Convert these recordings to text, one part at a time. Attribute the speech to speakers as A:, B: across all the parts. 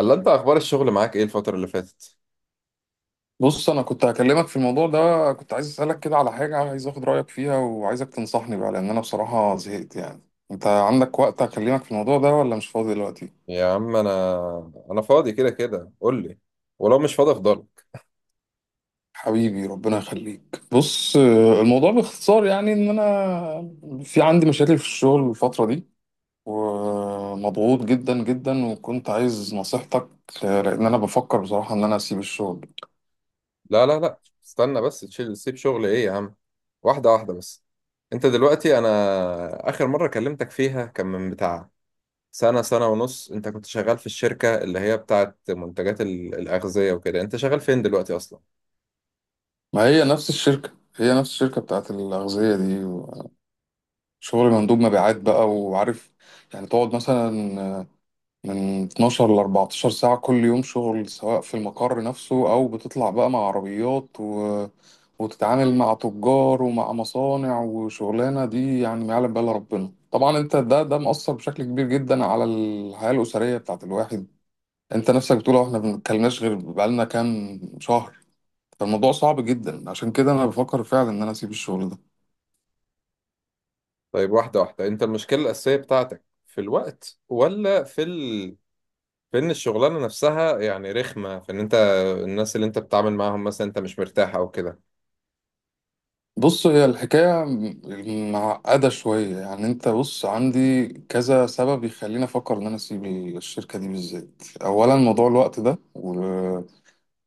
A: الله، انت اخبار الشغل معاك ايه الفترة اللي فاتت؟
B: بص انا كنت هكلمك في الموضوع ده. كنت عايز اسالك كده على حاجه، عايز اخد رايك فيها وعايزك تنصحني بقى لان انا بصراحه زهقت يعني. انت عندك وقت اكلمك في الموضوع ده ولا مش فاضي دلوقتي؟
A: يا عم انا فاضي كده كده، قول لي. ولو مش فاضي افضلك.
B: حبيبي ربنا يخليك. بص، الموضوع باختصار يعني ان انا في عندي مشاكل في الشغل الفتره دي ومضغوط جدا جدا وكنت عايز نصيحتك. لان انا بفكر بصراحه ان انا اسيب الشغل.
A: لا لا لا، استنى بس. سيب شغل ايه يا عم؟ واحدة واحدة بس. انت دلوقتي، انا اخر مرة كلمتك فيها كان من بتاع سنة سنة ونص. انت كنت شغال في الشركة اللي هي بتاعت منتجات الأغذية وكده، انت شغال فين دلوقتي اصلا؟
B: ما هي نفس الشركه، هي نفس الشركه بتاعت الاغذيه دي. شغل مندوب مبيعات بقى وعارف، يعني تقعد مثلا من 12 ل 14 ساعة كل يوم شغل سواء في المقر نفسه أو بتطلع بقى مع عربيات وتتعامل مع تجار ومع مصانع وشغلانة دي يعني ما يعلم بها إلا ربنا طبعا. انت ده مأثر بشكل كبير جدا على الحياة الأسرية بتاعت الواحد. انت نفسك بتقول اه احنا ما بنتكلمناش غير بقالنا كام شهر. فالموضوع صعب جدا، عشان كده انا بفكر فعلا ان انا اسيب الشغل ده.
A: طيب، واحدة واحدة، انت المشكلة الأساسية بتاعتك في الوقت ولا في ان الشغلانه نفسها يعني رخمه، في ان انت الناس اللي انت بتتعامل معاهم مثلا انت مش مرتاح او كده؟
B: بص هي الحكاية معقدة شوية، يعني انت بص عندي كذا سبب يخليني افكر ان انا اسيب الشركة دي بالذات. اولا موضوع الوقت ده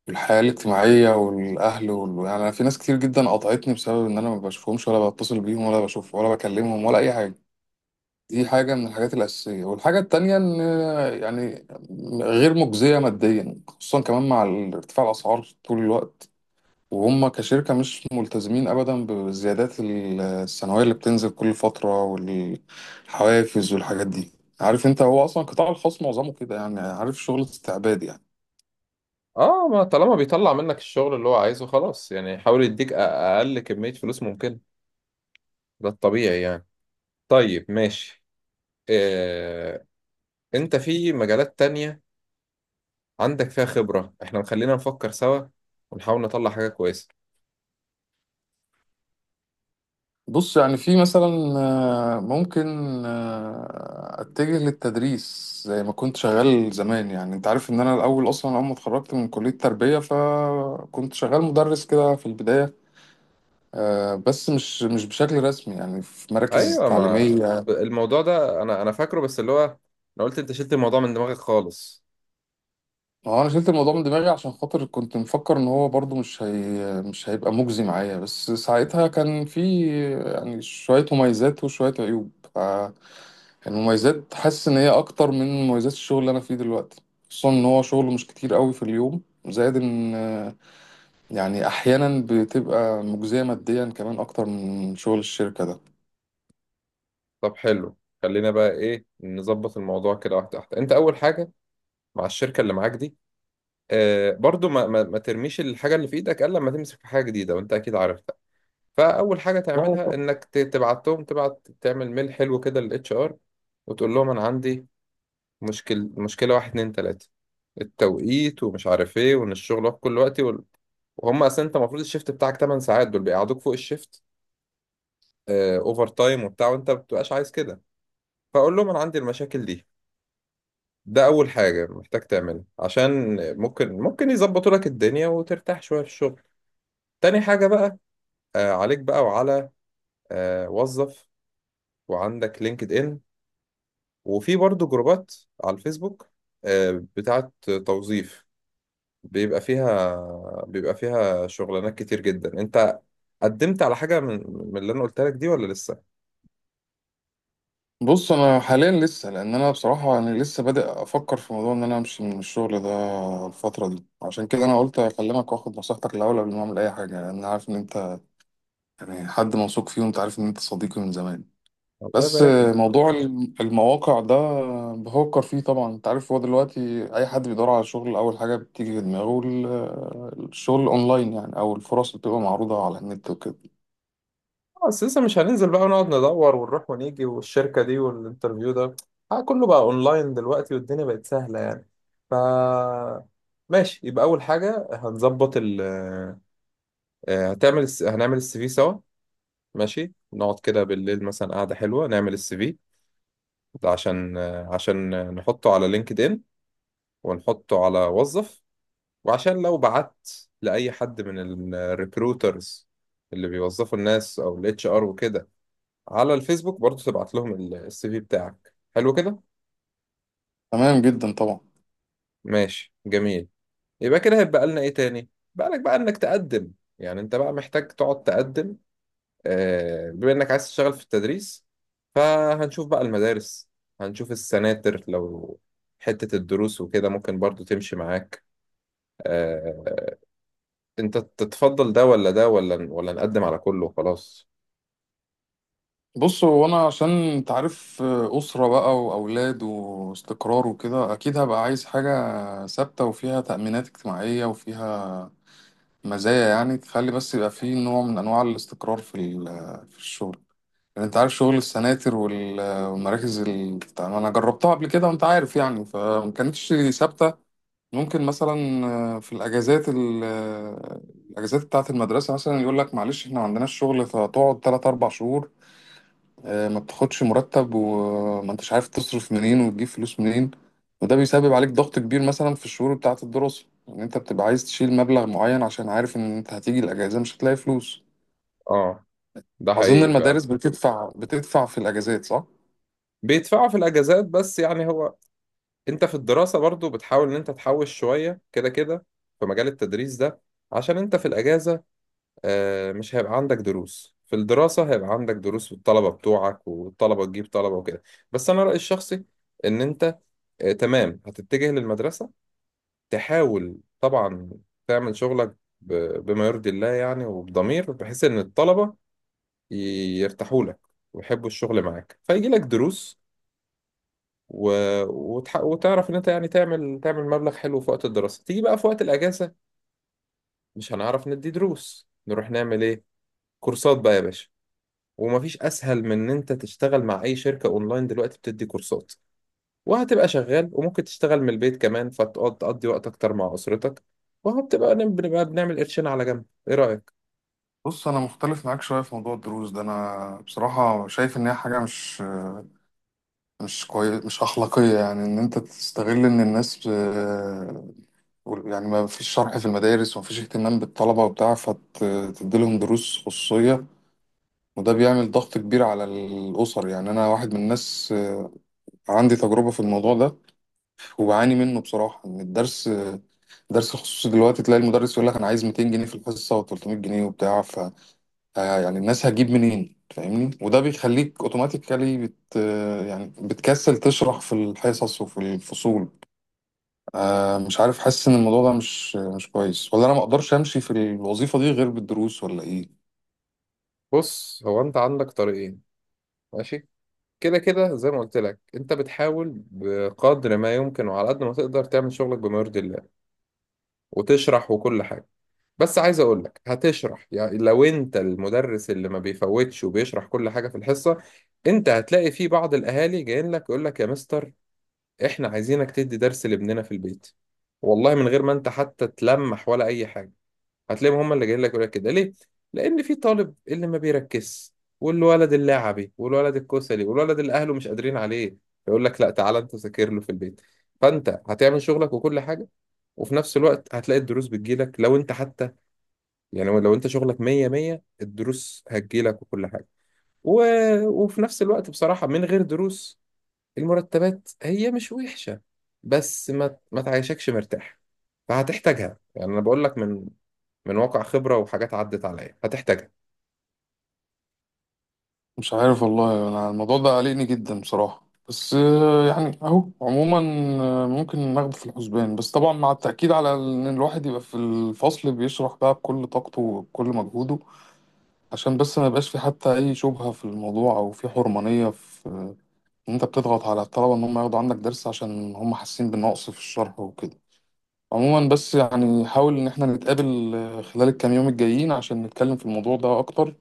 B: والحياة الاجتماعية والاهل يعني انا في ناس كتير جدا قطعتني بسبب ان انا ما بشوفهمش ولا بتصل بيهم ولا بشوف ولا بكلمهم ولا اي حاجة. دي حاجة من الحاجات الأساسية. والحاجة التانية إن يعني غير مجزية ماديا، خصوصا كمان مع ارتفاع الأسعار طول الوقت، وهم كشركة مش ملتزمين أبدا بالزيادات السنوية اللي بتنزل كل فترة والحوافز والحاجات دي. عارف انت هو أصلا القطاع الخاص معظمه كده، يعني عارف، شغل استعباد يعني.
A: اه، ما طالما بيطلع منك الشغل اللي هو عايزه خلاص يعني يحاول يديك اقل كميه فلوس ممكن. ده الطبيعي يعني. طيب ماشي. آه، انت في مجالات تانية عندك فيها خبره، احنا خلينا نفكر سوا ونحاول نطلع حاجه كويسه.
B: بص يعني في مثلا، ممكن أتجه للتدريس زي ما كنت شغال زمان. يعني انت عارف ان انا الاول اصلا، اول ما اتخرجت من كلية تربية فكنت شغال مدرس كده في البداية. بس مش بشكل رسمي، يعني في مراكز
A: ايوه، ما
B: تعليمية.
A: الموضوع ده انا فاكره، بس اللي هو انا قلت انت شلت الموضوع من دماغك خالص.
B: هو انا شلت الموضوع من دماغي عشان خاطر كنت مفكر ان هو برضو مش هيبقى مجزي معايا. بس ساعتها كان في يعني شوية مميزات وشوية عيوب. فالمميزات حاسس ان هي اكتر من مميزات الشغل اللي انا فيه دلوقتي، خصوصا ان هو شغل مش كتير قوي في اليوم. زائد ان يعني احيانا بتبقى مجزية ماديا كمان اكتر من شغل الشركة
A: طب حلو، خلينا بقى ايه نظبط الموضوع كده، واحده واحده. انت اول حاجه مع الشركه اللي معاك دي، آه، برضو ما ترميش الحاجه اللي في ايدك الا لما تمسك في حاجه جديده، وانت اكيد عارفها. فاول حاجه
B: ده.
A: تعملها انك تبعت لهم، تبعت تعمل ميل حلو كده للاتش ار، وتقول لهم انا عندي مشكله، واحد اتنين تلاته: التوقيت، ومش عارف ايه، وان الشغل واقف كل وقت، وهم اصلا، انت المفروض الشيفت بتاعك 8 ساعات، دول بيقعدوك فوق الشيفت، اوفر تايم وبتاع، وانت ما بتبقاش عايز كده. فاقول لهم انا عندي المشاكل دي. ده أول حاجة محتاج تعملها عشان ممكن يظبطوا لك الدنيا وترتاح شوية في الشغل. تاني حاجة بقى، عليك بقى وعلى وظف، وعندك لينكد إن، وفي برضو جروبات على الفيسبوك، بتاعت توظيف، بيبقى فيها بيبقى فيها شغلانات كتير جدا. انت قدمت على حاجة من اللي انا قلت لك دي ولا لسه؟
B: بص انا حاليا لسه، لان انا بصراحه انا لسه بادئ افكر في موضوع ان انا امشي من الشغل ده الفتره دي. عشان كده انا قلت اكلمك واخد نصيحتك الاول قبل ما اعمل اي حاجه، لان انا عارف ان انت يعني حد موثوق فيه، وانت عارف ان انت صديقي من زمان.
A: الله
B: بس
A: يبارك.
B: موضوع المواقع ده بفكر فيه طبعا. انت عارف هو دلوقتي اي حد بيدور على شغل اول حاجه بتيجي في دماغه الشغل اونلاين يعني، او الفرص اللي بتبقى معروضه على النت وكده.
A: بس لسه، مش هننزل بقى ونقعد ندور ونروح ونيجي والشركة دي والانترفيو ده. كله بقى اونلاين دلوقتي والدنيا بقت سهلة يعني. ف ماشي، يبقى اول حاجة هنظبط هنعمل السي في سوا. ماشي، نقعد كده بالليل مثلا قعدة حلوة نعمل السي في ده، عشان نحطه على لينكد ان ونحطه على وظف، وعشان لو بعت لأي حد من الريكروترز اللي بيوظفوا الناس او الاتش ار وكده على الفيسبوك، برضو تبعت لهم السي في بتاعك حلو كده.
B: تمام جدا طبعا.
A: ماشي جميل. يبقى كده هيبقى لنا ايه تاني؟ بقى لك بقى انك تقدم، يعني انت بقى محتاج تقعد تقدم. بما انك عايز تشتغل في التدريس، فهنشوف بقى المدارس، هنشوف السناتر، لو حتة الدروس وكده ممكن برضو تمشي معاك. آه، انت تتفضل ده ولا ده ولا نقدم على كله وخلاص؟
B: بص هو انا عشان انت عارف اسره بقى واولاد واستقرار وكده، اكيد هبقى عايز حاجه ثابته وفيها تامينات اجتماعيه وفيها مزايا، يعني تخلي بس يبقى فيه نوع من انواع الاستقرار في الشغل. لان انت عارف شغل السناتر والمراكز انا جربتها قبل كده، وانت عارف يعني فما كانتش ثابته. ممكن مثلا في الاجازات الاجازات بتاعه المدرسه، مثلا يقول لك معلش احنا ما عندناش شغل فتقعد 3 4 شهور. ما بتاخدش مرتب وما انتش عارف تصرف منين وتجيب فلوس منين. وده بيسبب عليك ضغط كبير مثلا في الشهور بتاعة الدراسة، ان انت بتبقى عايز تشيل مبلغ معين عشان عارف ان انت هتيجي الاجازة مش هتلاقي فلوس.
A: اه، ده
B: اظن
A: حقيقي فعلا.
B: المدارس بتدفع في الاجازات، صح؟
A: بيدفعوا في الاجازات، بس يعني هو انت في الدراسة برضو بتحاول ان انت تحوش شوية كده كده في مجال التدريس ده، عشان انت في الاجازة، مش هيبقى عندك دروس. في الدراسة هيبقى عندك دروس، والطلبة بتوعك، والطلبة تجيب طلبة وكده. بس انا رأيي الشخصي ان انت، تمام، هتتجه للمدرسة، تحاول طبعا تعمل شغلك ب- بما يرضي الله يعني، وبضمير، بحيث ان الطلبة ي- يرتاحوا لك ويحبوا الشغل معاك، فيجي لك دروس و... وتعرف ان انت يعني تعمل مبلغ حلو في وقت الدراسة. تيجي بقى في وقت الاجازة مش هنعرف ندي دروس، نروح نعمل ايه؟ كورسات بقى يا باشا. ومفيش اسهل من ان انت تشتغل مع اي شركة اونلاين دلوقتي بتدي كورسات، وهتبقى شغال، وممكن تشتغل من البيت كمان، فتقعد تقضي وقت اكتر مع اسرتك، وهتبقى بنبقى بنعمل قرشين على جنب. ايه رأيك؟
B: بص انا مختلف معاك شوية في موضوع الدروس ده. انا بصراحة شايف ان هي حاجة مش كويس، مش اخلاقية، يعني ان انت تستغل ان الناس، يعني ما فيش شرح في المدارس وما فيش اهتمام بالطلبة وبتاع فتديلهم دروس خصوصية. وده بيعمل ضغط كبير على الأسر. يعني أنا واحد من الناس، عندي تجربة في الموضوع ده وبعاني منه بصراحة. إن الدرس، درس الخصوصي دلوقتي تلاقي المدرس يقول لك أنا عايز 200 جنيه في الحصة و300 جنيه وبتاع. ف آه، يعني الناس هتجيب منين، فاهمني؟ وده بيخليك أوتوماتيكالي بت آه، يعني بتكسل تشرح في الحصص وفي الفصول. مش عارف، حاسس إن الموضوع ده مش كويس. ولا أنا ما أقدرش أمشي في الوظيفة دي غير بالدروس ولا إيه؟
A: بص، هو انت عندك طريقين. ماشي، كده كده زي ما قلت لك انت بتحاول بقدر ما يمكن وعلى قد ما تقدر تعمل شغلك بما يرضي الله وتشرح وكل حاجة. بس عايز اقول لك هتشرح يعني لو انت المدرس اللي ما بيفوتش وبيشرح كل حاجة في الحصة، انت هتلاقي في بعض الاهالي جايين لك يقول لك يا مستر، احنا عايزينك تدي درس لابننا في البيت. والله من غير ما انت حتى تلمح ولا اي حاجة، هتلاقيهم هم اللي جايين لك يقول لك كده، ليه؟ لان في طالب اللي ما بيركزش، والولد اللعبي، والولد الكسلي، والولد اللي اهله مش قادرين عليه، يقول لك لا، تعالى انت ذاكر له في البيت. فانت هتعمل شغلك وكل حاجة، وفي نفس الوقت هتلاقي الدروس بتجيلك. لو انت حتى يعني، لو انت شغلك مية مية الدروس هتجيلك وكل حاجة و... وفي نفس الوقت بصراحة من غير دروس المرتبات هي مش وحشة، بس ما تعيشكش مرتاح. فهتحتاجها، يعني انا بقول لك من واقع خبرة وحاجات عدت عليا، هتحتاجها.
B: مش عارف والله، انا الموضوع ده قلقني جدا بصراحة. بس يعني اهو عموما ممكن ناخده في الحسبان، بس طبعا مع التأكيد على ان الواحد يبقى في الفصل بيشرح بقى بكل طاقته وبكل مجهوده، عشان بس ما يبقاش في حتى اي شبهة في الموضوع او في حرمانية في ان انت بتضغط على الطلبة ان هم ياخدوا عندك درس عشان هم حاسين بالنقص في الشرح وكده. عموما بس يعني حاول ان احنا نتقابل خلال الكام يوم الجايين عشان نتكلم في الموضوع ده اكتر،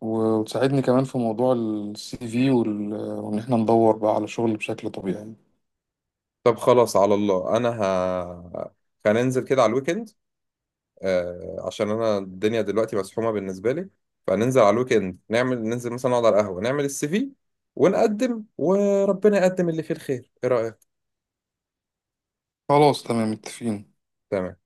B: و- وتساعدني كمان في موضوع السي في وإن إحنا ندور بقى على شغل بشكل طبيعي.
A: طب خلاص، على الله، انا هننزل كده على الويكند، عشان انا الدنيا دلوقتي مسحومه بالنسبه لي، فننزل على الويك اند نعمل، ننزل مثلا نقعد على القهوه نعمل السي في ونقدم وربنا يقدم اللي فيه الخير. ايه رايك؟
B: خلاص تمام متفقين.
A: تمام.